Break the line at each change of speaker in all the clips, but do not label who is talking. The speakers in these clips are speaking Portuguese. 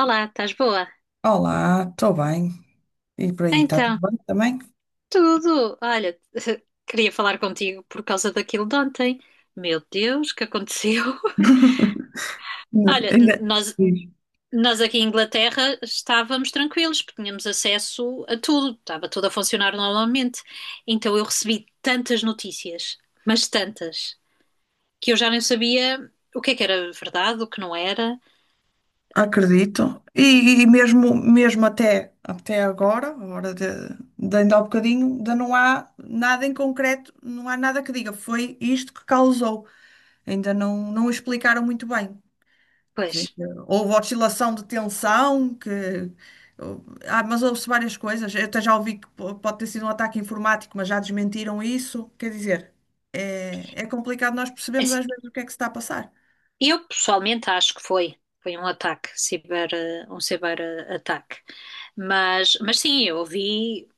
Olá, estás boa?
Olá, estou bem. E por aí, está tudo
Então,
bem também?
tudo. Olha, queria falar contigo por causa daquilo de ontem. Meu Deus, o que aconteceu? Olha,
Ainda
n- nós,
sim.
nós aqui em Inglaterra estávamos tranquilos, porque tínhamos acesso a tudo, estava tudo a funcionar normalmente. Então eu recebi tantas notícias, mas tantas, que eu já nem sabia o que é que era verdade, o que não era.
Acredito. E mesmo, mesmo até agora, agora de ainda há bocadinho, ainda não há nada em concreto, não há nada que diga foi isto que causou. Ainda não explicaram muito bem.
Pois,
Sim, houve oscilação de tensão, que... Ah, mas houve-se várias coisas. Eu até já ouvi que pode ter sido um ataque informático, mas já desmentiram isso. Quer dizer, é complicado nós
é
percebemos
assim,
às vezes o que é que se está a passar.
eu pessoalmente acho que foi. Foi um ataque, um ciberataque. Mas sim, eu ouvi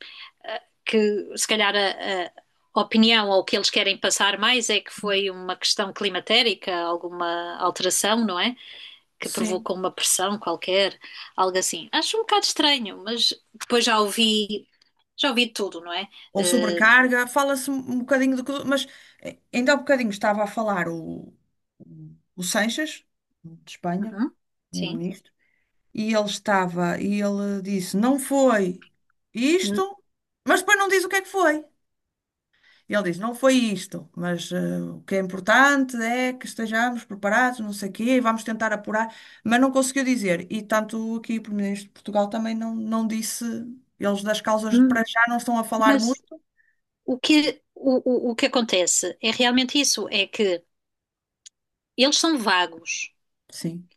que se calhar a opinião ou o que eles querem passar mais é que foi uma questão climatérica, alguma alteração, não é? Que
Sim.
provocou uma pressão qualquer, algo assim. Acho um bocado estranho, mas depois já ouvi tudo, não é?
Ou
Eh,
sobrecarga. Fala-se um bocadinho do... que- Mas ainda há bocadinho estava a falar o Sanches, de Espanha,
uhum, sim.
primeiro-ministro, e ele estava, e ele disse, não foi
N-
isto, mas depois não diz o que é que foi. E ele diz, não foi isto, mas o que é importante é que estejamos preparados, não sei o quê, e vamos tentar apurar, mas não conseguiu dizer. E tanto aqui o Primeiro-Ministro de Portugal também não disse, eles das causas de
n-
para já não estão a falar
Mas
muito.
o que acontece é realmente isso, é que eles são vagos,
Sim,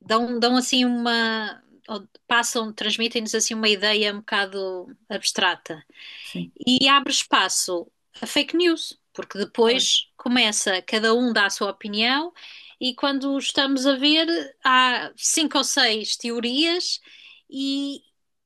dão assim uma. Ou passam, transmitem-nos assim uma ideia um bocado abstrata.
sim,
E abre espaço a fake news, porque
claro,
depois começa, cada um dá a sua opinião, e quando estamos a ver, há cinco ou seis teorias e,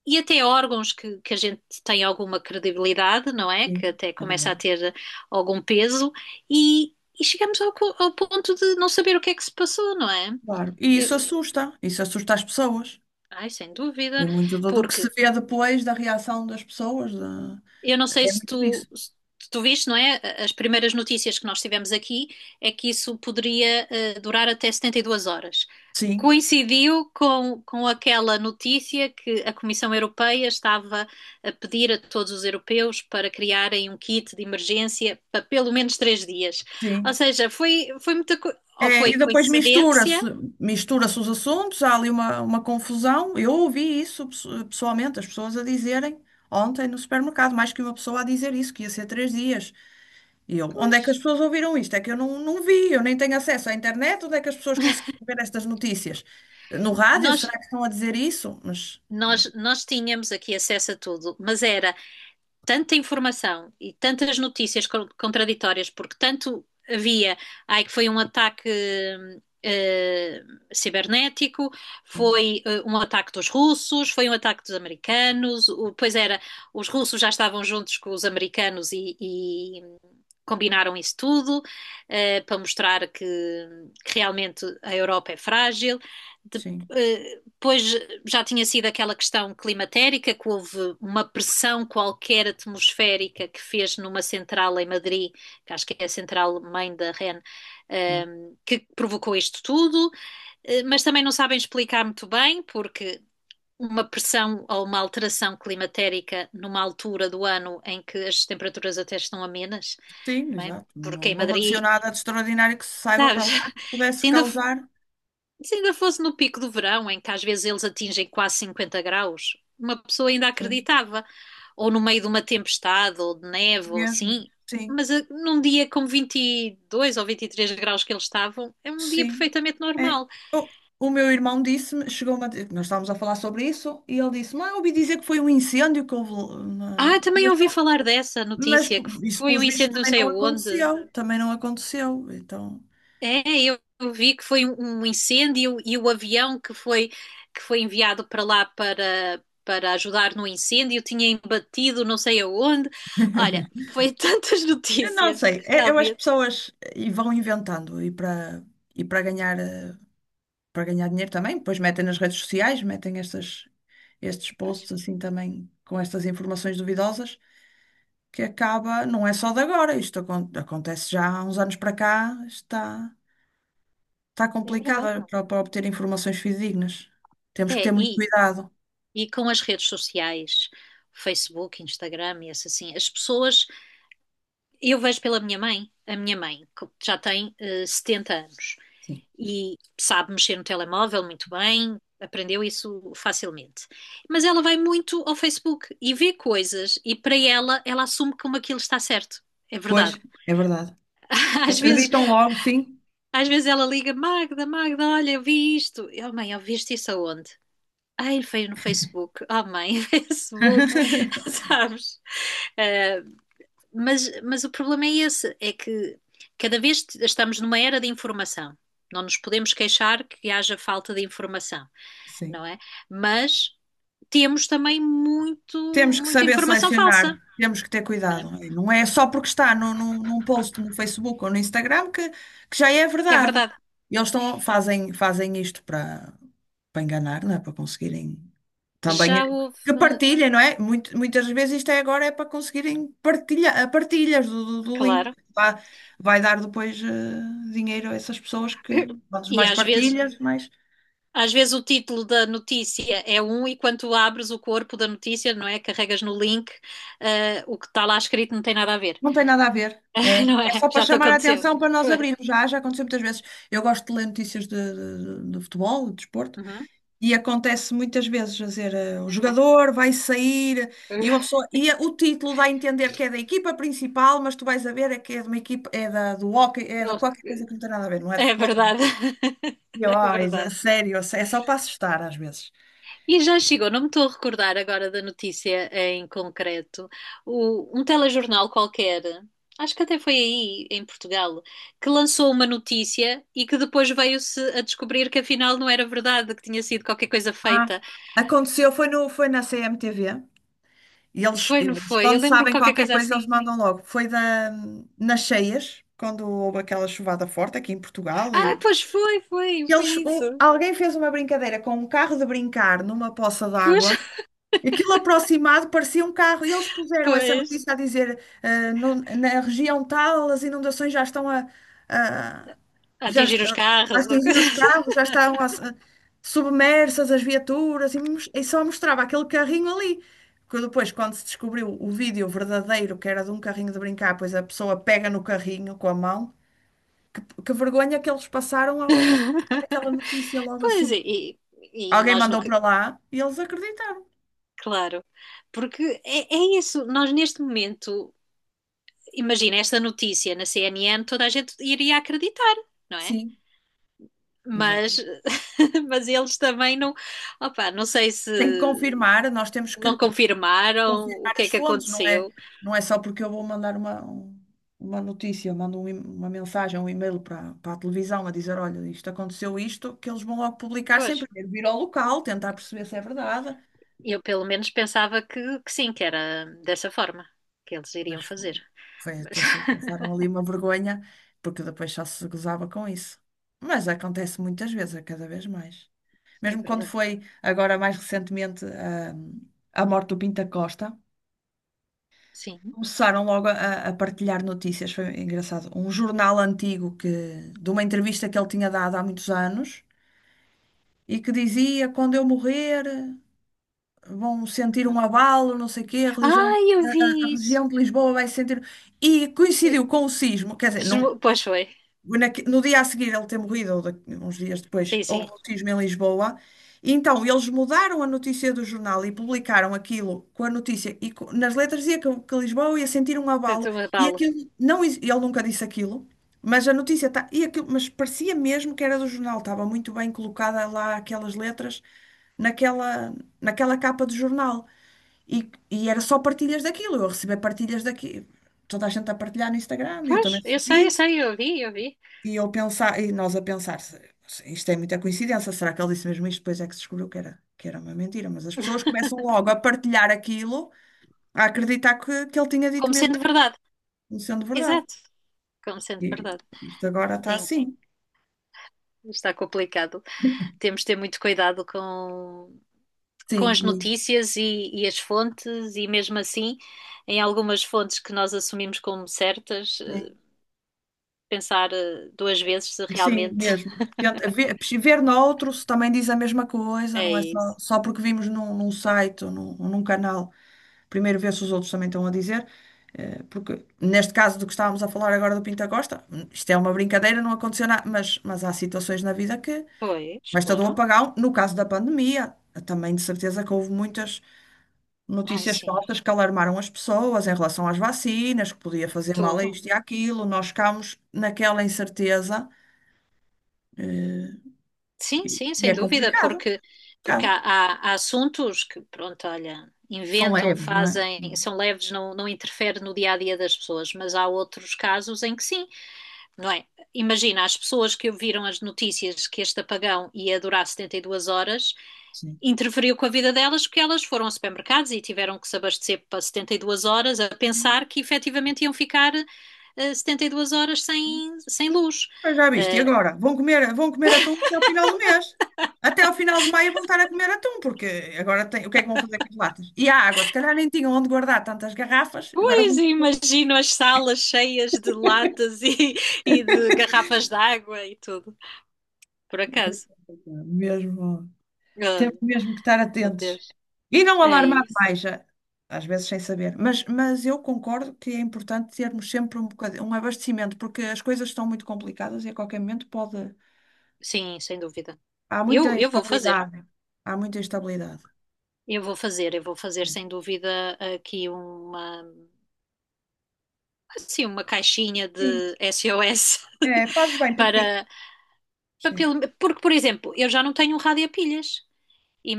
e até órgãos que a gente tem alguma credibilidade, não é? Que
sim,
até
é
começa a
verdade.
ter algum peso, e chegamos ao ponto de não saber o que é que se passou, não é?
Claro. E
Eu-
isso assusta as pessoas.
Ai, sem
E
dúvida,
muito do, do que se
porque
vê depois da reação das pessoas, da-
eu não sei
é
se
muito
tu,
disso.
se tu viste, não é? As primeiras notícias que nós tivemos aqui é que isso poderia durar até 72 horas.
Sim,
Coincidiu com aquela notícia que a Comissão Europeia estava a pedir a todos os europeus para criarem um kit de emergência para pelo menos 3 dias. Ou
sim.
seja, foi muita, ou
É,
foi
e depois
coincidência?
mistura-se, mistura-se os assuntos, há ali uma confusão. Eu ouvi isso pessoalmente, as pessoas a dizerem ontem no supermercado, mais que uma pessoa a dizer isso, que ia ser três dias. E eu, onde
Pois.
é que as pessoas ouviram isto? É que eu não vi, eu nem tenho acesso à internet, onde é que as pessoas conseguiram ver estas notícias? No rádio,
Nós,
será que estão a dizer isso? Mas
nós tínhamos aqui acesso a tudo, mas era tanta informação e tantas notícias contraditórias, porque tanto havia, ai, que foi um ataque eh, cibernético, foi um ataque dos russos, foi um ataque dos americanos, pois era, os russos já estavam juntos com os americanos e combinaram isso tudo, para mostrar que realmente a Europa é frágil. De-
sim,
eh, Depois já tinha sido aquela questão climatérica, que houve uma pressão qualquer atmosférica que fez numa central em Madrid, que acho que é a central mãe da REN,
hum,
que provocou isto tudo, mas também não sabem explicar muito bem, porque uma pressão ou uma alteração climatérica numa altura do ano em que as temperaturas até estão amenas,
sim,
não é?
exato. Não,
Porque em
não aconteceu
Madrid,
nada de extraordinário que se saiba para
sabes,
lá que pudesse
se ainda
causar,
se ainda fosse no pico do verão, em que às vezes eles atingem quase 50 graus, uma pessoa ainda
sim,
acreditava. Ou no meio de uma tempestade, ou de neve, ou
mesmo,
assim.
sim.
Mas num dia com 22 ou 23 graus que eles estavam, é um dia
Sim.
perfeitamente
É.
normal.
O, o meu irmão disse-me, chegou-me a dizer, nós estávamos a falar sobre isso, e ele disse-me, ah, eu ouvi dizer que foi um incêndio que houve. Na- na-"
Ah, também
Mas,
ouvi
não,
falar dessa
mas
notícia, que
isso,
foi um
pelos vistos,
incêndio não
também
sei
não
aonde.
aconteceu. Também não aconteceu. Então,
É, eu vi que foi um incêndio e o avião que foi enviado para lá para, para ajudar no incêndio tinha embatido não sei aonde. Olha, foi tantas
eu não
notícias que
sei. É- Eu, as
realmente.
pessoas e vão inventando e para ganhar, para ganhar dinheiro também, depois metem nas redes sociais, metem estas, estes
Pois,
posts assim também com estas informações duvidosas. Que acaba, não é só de agora, isto acontece já há uns anos para cá, está, está
é verdade,
complicado
não.
para, para obter informações fidedignas.
É,
Temos que ter
É,
muito
e,
cuidado.
e com as redes sociais, Facebook, Instagram e essa assim, as pessoas. Eu vejo pela minha mãe, a minha mãe, que já tem 70 anos,
Sim.
e sabe mexer no telemóvel muito bem, aprendeu isso facilmente. Mas ela vai muito ao Facebook e vê coisas e para ela ela assume como aquilo está certo. É
Pois,
verdade.
é verdade.
Às vezes,
Acreditam logo, sim.
às vezes ela liga, Magda, Magda, olha, eu vi isto. Oh mãe, eu viste isso aonde? Ai, veio no Facebook. Oh mãe, Facebook, sabes? Eh, mas o problema é esse, é que cada vez estamos numa era de informação. Não nos podemos queixar que haja falta de informação,
Sim.
não é? Mas temos também
Temos que
muita
saber
informação
selecionar,
falsa,
temos que ter
não é?
cuidado. Não é só porque está no, no, num post no Facebook ou no Instagram que já é
Que é
verdade.
verdade.
E eles estão, fazem, fazem isto para, para enganar, não é? Para conseguirem. Também
Já
é- que
houve,
partilhem, não é? Muito- muitas vezes isto é agora é para conseguirem partilha, ah, partilhas do, do, do link.
claro,
Vai, vai dar depois dinheiro a essas pessoas que quantas
e
mais
às vezes
partilhas, mais
às vezes o título da notícia é um, e quando abres o corpo da notícia, não é? Carregas no link, o que está lá escrito não tem nada a ver,
não tem nada a ver. É,
não
é
é?
só para
Já te
chamar a
aconteceu.
atenção para nós
Pois.
abrirmos. Já, já aconteceu muitas vezes. Eu gosto de ler notícias de futebol, de desporto.
Uhum.
E acontece muitas vezes, quer dizer, o jogador vai sair e uma pessoa e o título dá a entender que é da equipa principal, mas tu vais a ver é que é de uma equipa, é da, do hóquei, é da qualquer coisa que não tem nada a ver, não é de
É
futebol.
verdade,
E,
é
ó, isso é
verdade.
sério, é só para assustar às vezes.
E já chegou, não me estou a recordar agora da notícia em concreto, um telejornal qualquer, acho que até foi aí, em Portugal, que lançou uma notícia e que depois veio-se a descobrir que afinal não era verdade, que tinha sido qualquer coisa
Ah,
feita.
aconteceu, foi, no, foi na CMTV e eles,
Foi, não
eles,
foi? Eu
quando
lembro
sabem
qualquer
qualquer
coisa
coisa, eles
assim.
mandam logo. Foi da, nas cheias, quando houve aquela chuvada forte aqui em Portugal.
Ah,
E,
pois foi, foi
eles, um-
isso.
alguém fez uma brincadeira com um carro de brincar numa poça
Pois,
d'água. Aquilo aproximado parecia um carro e eles puseram essa
pois.
notícia a dizer ah, no- na região tal as inundações já estão a-
A
já
Atingir
est-
os
a
carros ou
atingir
coisa
os
assim.
carros, já estão a submersas as viaturas e, mos- e só mostrava aquele carrinho ali. Que depois, quando se descobriu o vídeo verdadeiro, que era de um carrinho de brincar, pois a pessoa pega no carrinho com a mão. Que vergonha que eles passaram ao, aquela notícia logo
Pois,
assim.
e
Alguém
nós
mandou
nunca,
para lá e eles acreditaram.
claro. Porque é, é isso, nós neste momento. Imagina esta notícia na CNN, toda a gente iria acreditar, não é?
Sim,
Mas,
exatamente.
mas eles também não, opa, não sei se
Tem que confirmar, nós temos
não
que
confirmaram o
confirmar
que é
as
que
fontes, não é,
aconteceu.
não é só porque eu vou mandar uma, um- uma notícia, eu mando um e- uma mensagem, um e-mail para, para a televisão a dizer, olha, isto aconteceu isto, que eles vão logo publicar sem
Pois,
primeiro vir ao local, tentar perceber se é verdade.
eu pelo menos pensava que sim, que era dessa forma que eles iriam
Mas
fazer.
foi, foi
Mas
até se passaram ali uma vergonha, porque depois só se gozava com isso. Mas acontece muitas vezes, é cada vez mais.
é
Mesmo quando
verdade,
foi agora mais recentemente a morte do Pinta Costa.
sim.
Começaram logo a partilhar notícias, foi engraçado. Um jornal antigo que, de uma entrevista que ele tinha dado há muitos anos e que dizia: quando eu morrer, vão sentir
Uhum.
um abalo, não sei o quê,
Ah, eu
a
vi isso.
religião de Lisboa vai sentir. E
E-
coincidiu com o sismo, quer dizer, não,
Pois foi,
naque- no dia a seguir ele ter morrido, ou da- uns dias depois,
sim,
houve
sim.
o cisma em Lisboa. E então eles mudaram a notícia do jornal e publicaram aquilo com a notícia. E co- nas letras dizia que Lisboa ia sentir um abalo.
Estou a
E
falo.
aquilo, não, ex- ele nunca disse aquilo, mas a notícia está. E aquilo, mas parecia mesmo que era do jornal, estava muito bem colocada lá aquelas letras naquela, naquela capa do jornal. E, e era só partilhas daquilo. Eu recebi partilhas daquilo. Toda a gente a partilhar no Instagram, eu também
Pois, eu sei, eu
recebi.
sei, eu vi, eu vi.
E eu pensar, e nós a pensar, se- isto é muita coincidência, será que ele disse mesmo isto? Depois é que se descobriu que era uma mentira, mas as pessoas começam logo a partilhar aquilo, a acreditar que ele tinha dito
Como
mesmo
sendo
aquilo,
verdade,
não sendo verdade.
exato, como sendo
E
verdade.
isto agora está
Em
assim.
Está complicado. Temos de ter muito cuidado com
Sim,
as
muito.
notícias e as fontes, e mesmo assim, em algumas fontes que nós assumimos como certas,
Sim,
pensar duas vezes se
sim,
realmente
mesmo. Tenta ver, ver noutro se também diz a mesma coisa,
é
não é só,
isso.
só porque vimos num, num site ou num canal. Primeiro ver se os outros também estão a dizer, porque neste caso do que estávamos a falar agora do Pinta Costa, isto é uma brincadeira, não aconteceu nada, mas há situações na vida que
Pois,
basta do
claro.
apagão, no caso da pandemia, também de certeza que houve muitas
Ai,
notícias
sim,
falsas que alarmaram as pessoas em relação às vacinas, que podia fazer mal a
tudo.
isto e àquilo, nós ficámos naquela incerteza, eh,
Sim,
e
sim,
e
sem
é
dúvida,
complicado,
porque, porque
complicado.
há, há assuntos que, pronto, olha,
São
inventam,
leves, não é?
fazem, são leves, não, não interfere no dia a dia das pessoas, mas há outros casos em que sim, não é? Imagina, as pessoas que ouviram as notícias que este apagão ia durar 72 horas,
Sim.
interferiu com a vida delas porque elas foram a supermercados e tiveram que se abastecer para 72 horas a pensar que efetivamente iam ficar 72 horas sem, sem luz.
Pois já viste, e
Eh,
agora? Vão comer atum até ao final do mês. Até ao final de maio vão estar a comer atum, porque agora tem, o que é que vão fazer com as latas? E a água, se calhar nem tinham onde guardar tantas garrafas, agora
pois
vão.
imagino as salas cheias de latas e de garrafas de água e tudo, por acaso.
Mesmo,
Olha,
temos mesmo que estar
meu
atentos.
Deus,
E não
é
alarmar
isso.
mais, já às vezes sem saber. Mas eu concordo que é importante termos sempre um bocadinho, um abastecimento, porque as coisas estão muito complicadas e a qualquer momento pode.
Sim, sem dúvida.
Há muita
Eu vou fazer.
instabilidade. Há muita instabilidade.
Eu vou fazer sem dúvida aqui uma, assim, uma caixinha
Sim,
de SOS
é, fazes bem, porque.
para,
Sim.
porque, por exemplo, eu já não tenho um rádio a pilhas.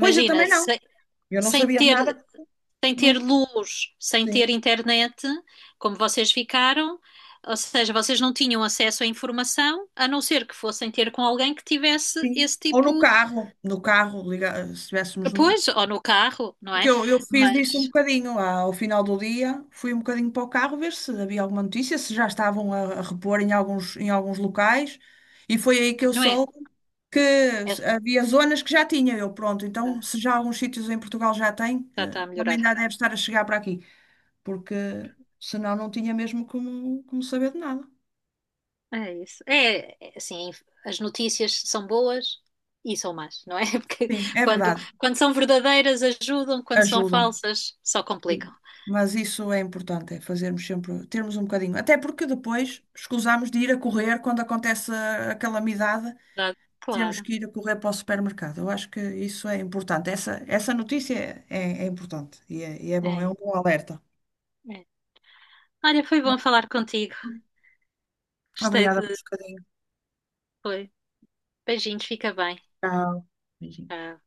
Pois eu também não. Eu não
sem
sabia de nada.
ter, sem
Não,
ter luz, sem ter
sim,
internet, como vocês ficaram, ou seja, vocês não tinham acesso à informação, a não ser que fossem ter com alguém que tivesse
sim.
esse
Ou no
tipo,
carro, no carro, liga- se estivéssemos no.
pois, ou no carro, não
Porque
é?
eu fiz isso um
Mas,
bocadinho lá ao final do dia, fui um bocadinho para o carro ver se havia alguma notícia, se já estavam a repor em alguns locais, e foi aí que eu
não é?
soube que
É,
s- havia zonas que já tinha eu, pronto, então se já alguns sítios em Portugal já têm
já está a
também
melhorar.
já deve estar a chegar para aqui, porque senão não tinha mesmo como, como saber de nada.
É isso. É, assim, as notícias são boas e são más, não é? Porque
Sim, é
quando,
verdade,
quando são verdadeiras ajudam, quando são
ajudam.
falsas só complicam.
Sim. Mas isso é importante, é fazermos sempre, termos um bocadinho. Até porque depois escusamos de ir a correr quando acontece a calamidade,
Verdade?
temos
Claro.
que ir a correr para o supermercado. Eu acho que isso é importante. Essa notícia é, é importante e é bom, é um
É,
bom alerta.
é. Olha, foi bom falar contigo. Gostei
Obrigada por
de.
um bocadinho.
Foi. Beijinhos, fica bem.
Tchau. Beijinhos.
Tchau.